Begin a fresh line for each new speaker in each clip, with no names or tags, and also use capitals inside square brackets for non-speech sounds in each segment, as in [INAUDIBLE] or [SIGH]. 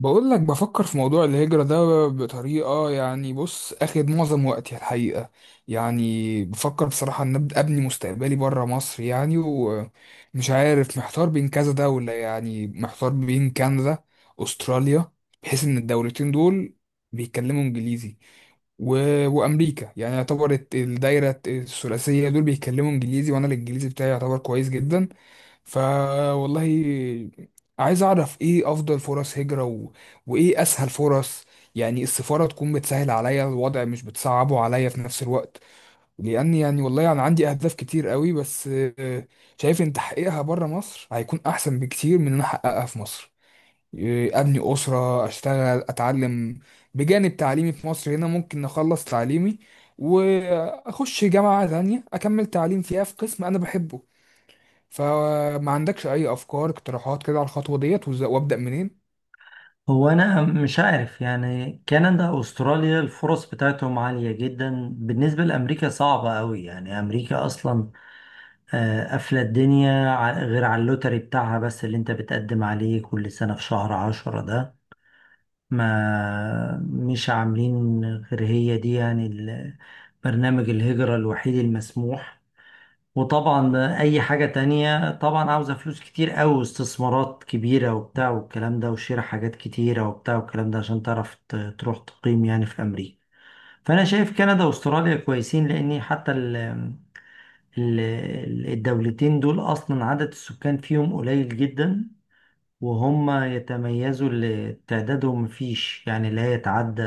بقول لك بفكر في موضوع الهجرة ده بطريقة، يعني اخد معظم وقتي الحقيقة. يعني بفكر بصراحة ان أبدأ ابني مستقبلي برا مصر، يعني ومش عارف محتار بين كذا دولة، يعني محتار بين كندا، استراليا، بحيث ان الدولتين دول بيتكلموا انجليزي و... وامريكا. يعني يعتبر الدايرة الثلاثية دول بيتكلموا انجليزي، وانا الانجليزي بتاعي يعتبر كويس جدا. فوالله عايز اعرف ايه افضل فرص هجرة وايه اسهل فرص، يعني السفارة تكون بتسهل عليا الوضع مش بتصعبه عليا في نفس الوقت. لان يعني والله انا يعني عندي اهداف كتير قوي، بس شايف ان تحقيقها بره مصر هيكون احسن بكتير من ان أنا احققها في مصر. ابني اسرة، اشتغل، اتعلم بجانب تعليمي في مصر. هنا ممكن اخلص تعليمي واخش جامعة تانية اكمل تعليم فيها في قسم انا بحبه. فما عندكش اي افكار اقتراحات كده على الخطوه ديت، وابدا منين؟
هو انا مش عارف، يعني كندا واستراليا الفرص بتاعتهم عالية جدا، بالنسبة لامريكا صعبة قوي. يعني امريكا اصلا قافلة الدنيا، غير على اللوتري بتاعها، بس اللي انت بتقدم عليه كل سنة في شهر عشرة ده، ما مش عاملين غير هي دي، يعني برنامج الهجرة الوحيد المسموح. وطبعا اي حاجة تانية طبعا عاوزة فلوس كتير قوي واستثمارات كبيرة وبتاع والكلام ده، وشراء حاجات كتيرة وبتاع والكلام ده، عشان تعرف تروح تقيم يعني في امريكا. فانا شايف كندا واستراليا كويسين، لان حتى ال الدولتين دول اصلا عدد السكان فيهم قليل جدا، وهم يتميزوا اللي تعدادهم مفيش، يعني لا يتعدى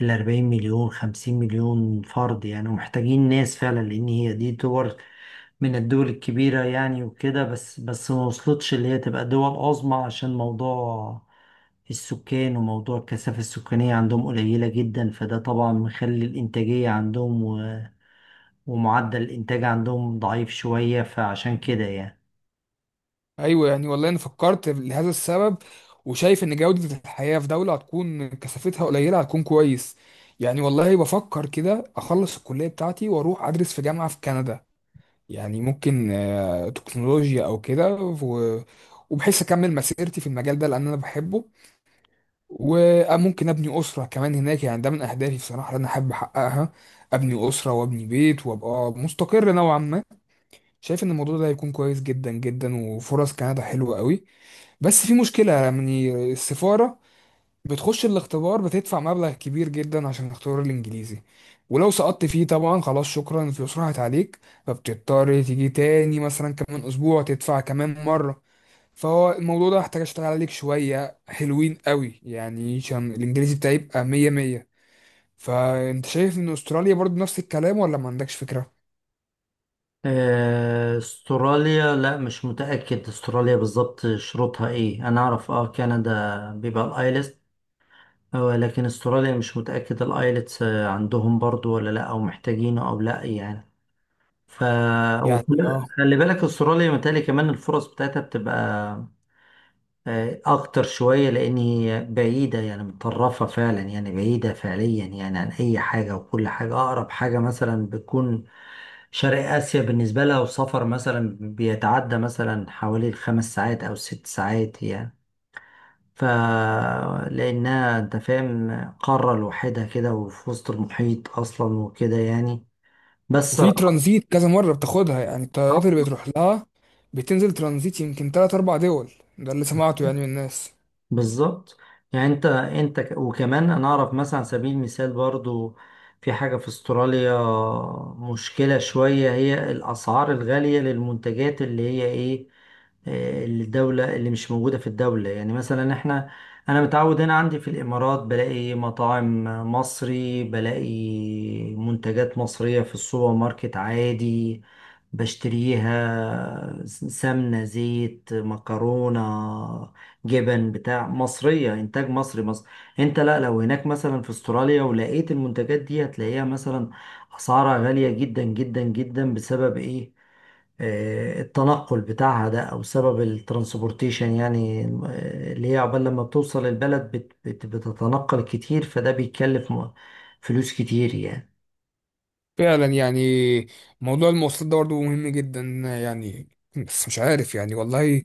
ال 40 مليون 50 مليون فرد يعني، ومحتاجين ناس فعلا، لان هي دي دول من الدول الكبيرة يعني وكده، بس بس ما وصلتش اللي هي تبقى دول عظمى، عشان موضوع السكان وموضوع الكثافة السكانية عندهم قليلة جدا، فده طبعا مخلي الإنتاجية عندهم ومعدل الإنتاج عندهم ضعيف شوية، فعشان كده يعني.
ايوه، يعني والله انا فكرت لهذا السبب، وشايف ان جوده الحياه في دوله هتكون كثافتها قليله هتكون كويس. يعني والله بفكر كده اخلص الكليه بتاعتي واروح ادرس في جامعه في كندا. يعني ممكن تكنولوجيا او كده، وبحيث اكمل مسيرتي في المجال ده لان انا بحبه. وممكن ابني اسره كمان هناك، يعني ده من اهدافي بصراحه اللي انا احب احققها: ابني اسره وابني بيت وابقى مستقر نوعا ما. شايف ان الموضوع ده هيكون كويس جدا جدا وفرص كندا حلوة قوي. بس في مشكلة، يعني السفارة بتخش الاختبار بتدفع مبلغ كبير جدا عشان اختبار الانجليزي، ولو سقطت فيه طبعا خلاص شكرا الفلوس راحت عليك. فبتضطر تيجي تاني مثلا كمان اسبوع تدفع كمان مرة. فهو الموضوع ده هحتاج اشتغل عليك شوية حلوين قوي، يعني عشان الانجليزي بتاعي يبقى مية مية. فانت شايف ان استراليا برضو نفس الكلام ولا ما عندكش فكرة؟
استراليا لا مش متأكد استراليا بالظبط شروطها ايه، انا اعرف اه كندا بيبقى الايلتس، لكن استراليا مش متأكد الايلتس، عندهم برضو ولا لا، او محتاجينه او لا يعني. ف
يعني اه.
وخلي بالك استراليا متهيألي كمان الفرص بتاعتها بتبقى اكتر شوية، لان هي بعيدة يعني متطرفة فعلا، يعني بعيدة فعليا يعني عن اي حاجة، وكل حاجة اقرب حاجة مثلا بتكون شرق اسيا بالنسبة لها، وسفر مثلا بيتعدى مثلا حوالي الخمس ساعات او 6 ساعات يعني، ف لانها انت فاهم قارة لوحدها كده، وفي وسط المحيط اصلا وكده يعني بس.
وفي ترانزيت كذا مرة بتاخدها، يعني الطيارات اللي بتروح لها بتنزل ترانزيت يمكن تلات أربع دول. ده اللي سمعته يعني من الناس.
بالظبط، يعني انت وكمان انا اعرف مثلا على سبيل المثال برضو، في حاجة في استراليا مشكلة شوية، هي الاسعار الغالية للمنتجات اللي هي ايه، الدولة اللي مش موجودة في الدولة، يعني مثلا احنا انا متعود هنا عندي في الامارات بلاقي مطاعم مصري، بلاقي منتجات مصرية في السوبر ماركت عادي، بشتريها سمنة زيت مكرونة جبن بتاع مصرية إنتاج مصري مصر. أنت لا لو هناك مثلا في أستراليا ولقيت المنتجات دي، هتلاقيها مثلا أسعارها غالية جدا جدا جدا، بسبب إيه التنقل بتاعها ده، أو سبب الترانسبورتيشن يعني، اللي هي عقبال لما بتوصل البلد بت بت بتتنقل كتير، فده بيتكلف فلوس كتير يعني.
فعلا، يعني موضوع المواصلات ده برضه مهم جدا. يعني بس مش عارف يعني والله،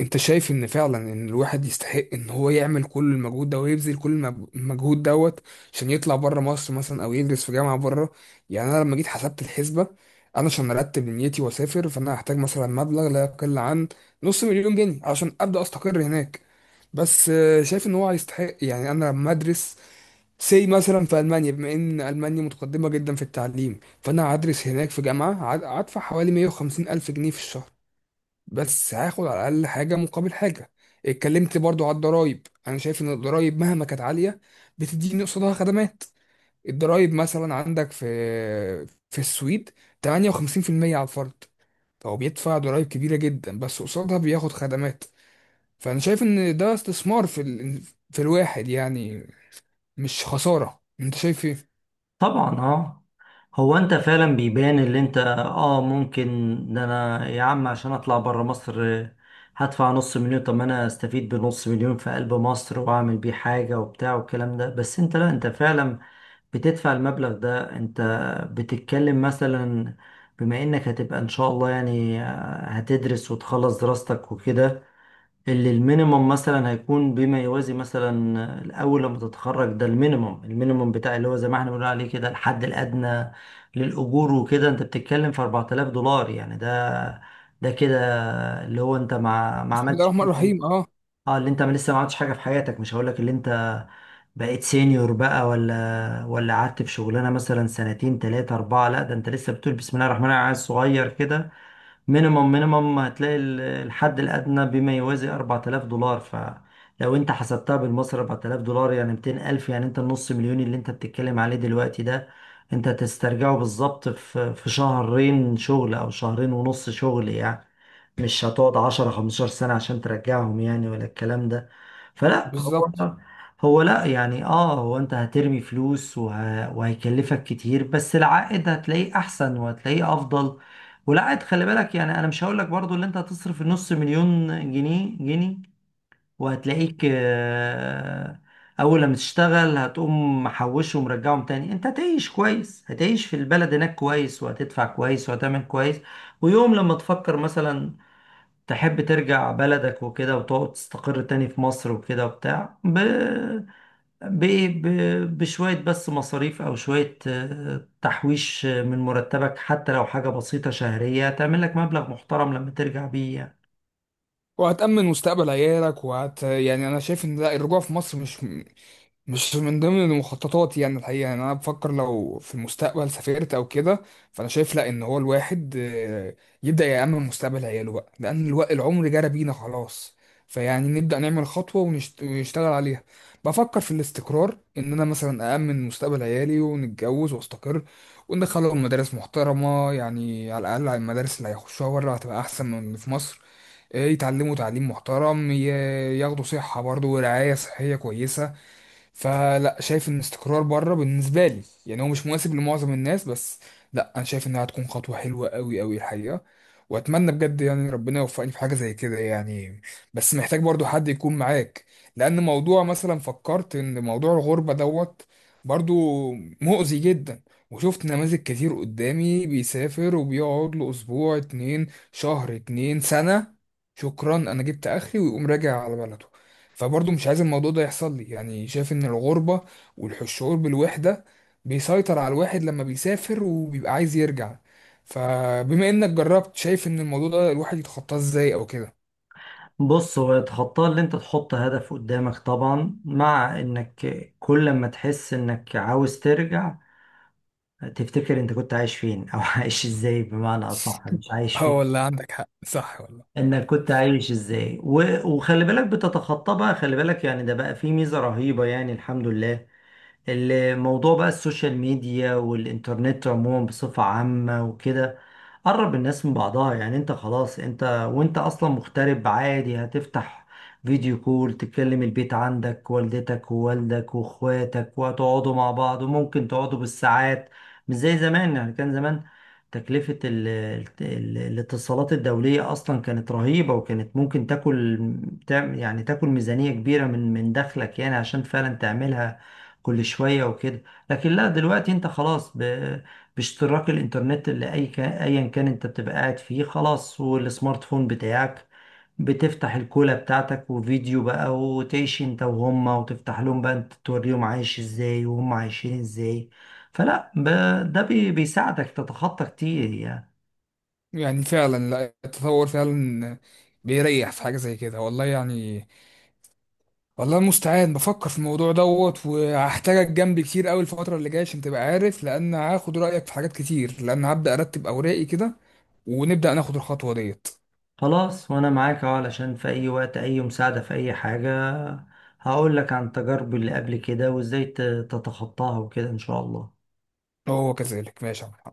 انت شايف ان فعلا ان الواحد يستحق ان هو يعمل كل المجهود ده ويبذل كل المجهود دوت عشان يطلع بره مصر مثلا او يدرس في جامعه بره؟ يعني انا لما جيت حسبت الحسبه، انا عشان ارتب نيتي واسافر فانا هحتاج مثلا مبلغ لا يقل عن نص مليون جنيه عشان ابدا استقر هناك. بس شايف ان هو يستحق. يعني انا لما ادرس سي مثلا في المانيا، بما ان المانيا متقدمه جدا في التعليم، فانا هدرس هناك في جامعه هدفع حوالي 150 الف جنيه في الشهر، بس هاخد على الاقل حاجه مقابل حاجه. اتكلمت برضو على الضرايب، انا شايف ان الضرايب مهما كانت عاليه بتديني قصادها خدمات. الضرايب مثلا عندك في في السويد 58% على الفرد، فهو بيدفع ضرايب كبيره جدا بس قصادها بياخد خدمات. فانا شايف ان ده استثمار في الواحد، يعني مش خساره. انت شايف ايه؟
طبعا اه هو انت فعلا بيبان اللي انت اه ممكن، ده انا يا عم عشان اطلع بره مصر هدفع نص مليون، طب ما انا استفيد بنص مليون في قلب مصر واعمل بيه حاجة وبتاع والكلام ده، بس انت لا انت فعلا بتدفع المبلغ ده، انت بتتكلم مثلا بما انك هتبقى ان شاء الله يعني، هتدرس وتخلص دراستك وكده، اللي المينيمم مثلا هيكون بما يوازي مثلا، الاول لما تتخرج ده المينيمم المينيمم بتاع اللي هو زي ما احنا بنقول عليه كده الحد الادنى للاجور وكده، انت بتتكلم في $4000 يعني، ده كده اللي هو انت ما
بسم الله
عملتش،
الرحمن الرحيم. اه،
اه اللي انت ما لسه ما عملتش حاجه في حياتك، مش هقول لك اللي انت بقيت سينيور بقى، ولا قعدت في شغلانه مثلا سنتين ثلاثه اربعه، لا ده انت لسه بتقول بسم الله الرحمن الرحيم عيل صغير كده. مينيمم مينيمم هتلاقي الحد الأدنى بما يوازي $4000، فلو أنت حسبتها بالمصري $4000 يعني 200,000، يعني أنت النص مليون اللي أنت بتتكلم عليه دلوقتي ده، أنت تسترجعه بالظبط في شهرين شغل أو شهرين ونص شغل يعني، مش هتقعد 10 15 سنة عشان ترجعهم يعني ولا الكلام ده. فلا هو
بالظبط.
هو لا يعني، اه هو انت هترمي فلوس وهيكلفك كتير، بس العائد هتلاقيه احسن وهتلاقيه افضل، والعائد خلي بالك يعني، انا مش هقول لك برضو اللي انت هتصرف نص مليون جنيه، وهتلاقيك اول لما تشتغل هتقوم محوشه ومرجعهم تاني، انت هتعيش كويس هتعيش في البلد هناك كويس وهتدفع كويس وهتعمل كويس، ويوم لما تفكر مثلا تحب ترجع بلدك وكده وتقعد تستقر تاني في مصر وكده وبتاع، ب... بشوية بس مصاريف، أو شوية تحويش، من مرتبك حتى لو حاجة بسيطة شهرية، تعمل لك مبلغ محترم لما ترجع بيه يعني.
وهتأمن مستقبل عيالك وهت، يعني انا شايف ان لا الرجوع في مصر مش مش من ضمن المخططات. يعني الحقيقة يعني أنا بفكر لو في المستقبل سافرت أو كده، فأنا شايف لأ إن هو الواحد يبدأ يأمن مستقبل عياله بقى، لأن الوقت العمر جرى بينا خلاص. فيعني نبدأ نعمل خطوة ونشتغل عليها. بفكر في الاستقرار، إن أنا مثلا أأمن مستقبل عيالي ونتجوز وأستقر وندخلهم مدارس محترمة، يعني على الأقل على المدارس اللي هيخشوها بره هتبقى أحسن من اللي في مصر. يتعلموا تعليم محترم، ياخدوا صحة برضه ورعاية صحية كويسة. فلا، شايف ان استقرار بره بالنسبه لي، يعني هو مش مناسب لمعظم الناس، بس لا انا شايف انها هتكون خطوه حلوه قوي قوي الحقيقه. واتمنى بجد يعني ربنا يوفقني في حاجه زي كده. يعني بس محتاج برضو حد يكون معاك، لان موضوع، مثلا فكرت ان موضوع الغربه دوت برضو مؤذي جدا. وشفت نماذج كتير قدامي بيسافر وبيقعد له اسبوع اتنين، شهر اتنين، سنه، شكرا انا جبت اخري، ويقوم راجع على بلده. فبرضه مش عايز الموضوع ده يحصل لي. يعني شايف ان الغربة والشعور بالوحدة بيسيطر على الواحد لما بيسافر وبيبقى عايز يرجع. فبما انك جربت، شايف ان الموضوع ده الواحد يتخطاه ازاي او كده؟
بص هو تخطى اللي انت تحط هدف قدامك طبعا، مع انك كل ما تحس انك عاوز ترجع، تفتكر انت كنت عايش فين، او [LAUGHS] عايش ازاي بمعنى اصح مش عايش
اه
فين،
والله عندك حق، صح والله.
انك كنت عايش ازاي وخلي بالك بتتخطى بقى، خلي بالك يعني ده بقى فيه ميزة رهيبة يعني الحمد لله، الموضوع بقى السوشيال ميديا والإنترنت عموما بصفة عامة وكده قرب الناس من بعضها يعني، انت خلاص انت وانت اصلا مغترب عادي هتفتح فيديو كول تكلم البيت عندك، والدتك ووالدك واخواتك وهتقعدوا مع بعض، وممكن تقعدوا بالساعات، مش زي زمان، يعني كان زمان تكلفة ال الاتصالات الدولية أصلا كانت رهيبة، وكانت ممكن تاكل يعني تاكل ميزانية كبيرة من دخلك يعني، عشان فعلا تعملها كل شوية وكده. لكن لا دلوقتي انت خلاص باشتراك الانترنت اللي اي كان ايا كان انت بتبقى قاعد فيه خلاص، والسمارت فون بتاعك بتفتح الكولة بتاعتك وفيديو بقى، وتعيش انت وهما، وتفتح لهم بقى انت توريهم عايش ازاي وهم عايشين ازاي، فلا ده بيساعدك تتخطى كتير يعني.
يعني فعلا، لا التطور فعلا بيريح في حاجة زي كده والله. يعني والله المستعان، بفكر في الموضوع دوت، وهحتاجك جنبي كتير قوي الفترة اللي جاية عشان تبقى عارف، لأن هاخد رأيك في حاجات كتير، لأن هبدأ أرتب أوراقي كده ونبدأ ناخد الخطوة ديت.
خلاص وانا معاك اهو، علشان في اي وقت اي مساعدة في اي حاجة، هقول لك عن تجاربي اللي قبل كده وازاي تتخطاها وكده ان شاء الله.
هو كذلك، ماشي يا عم.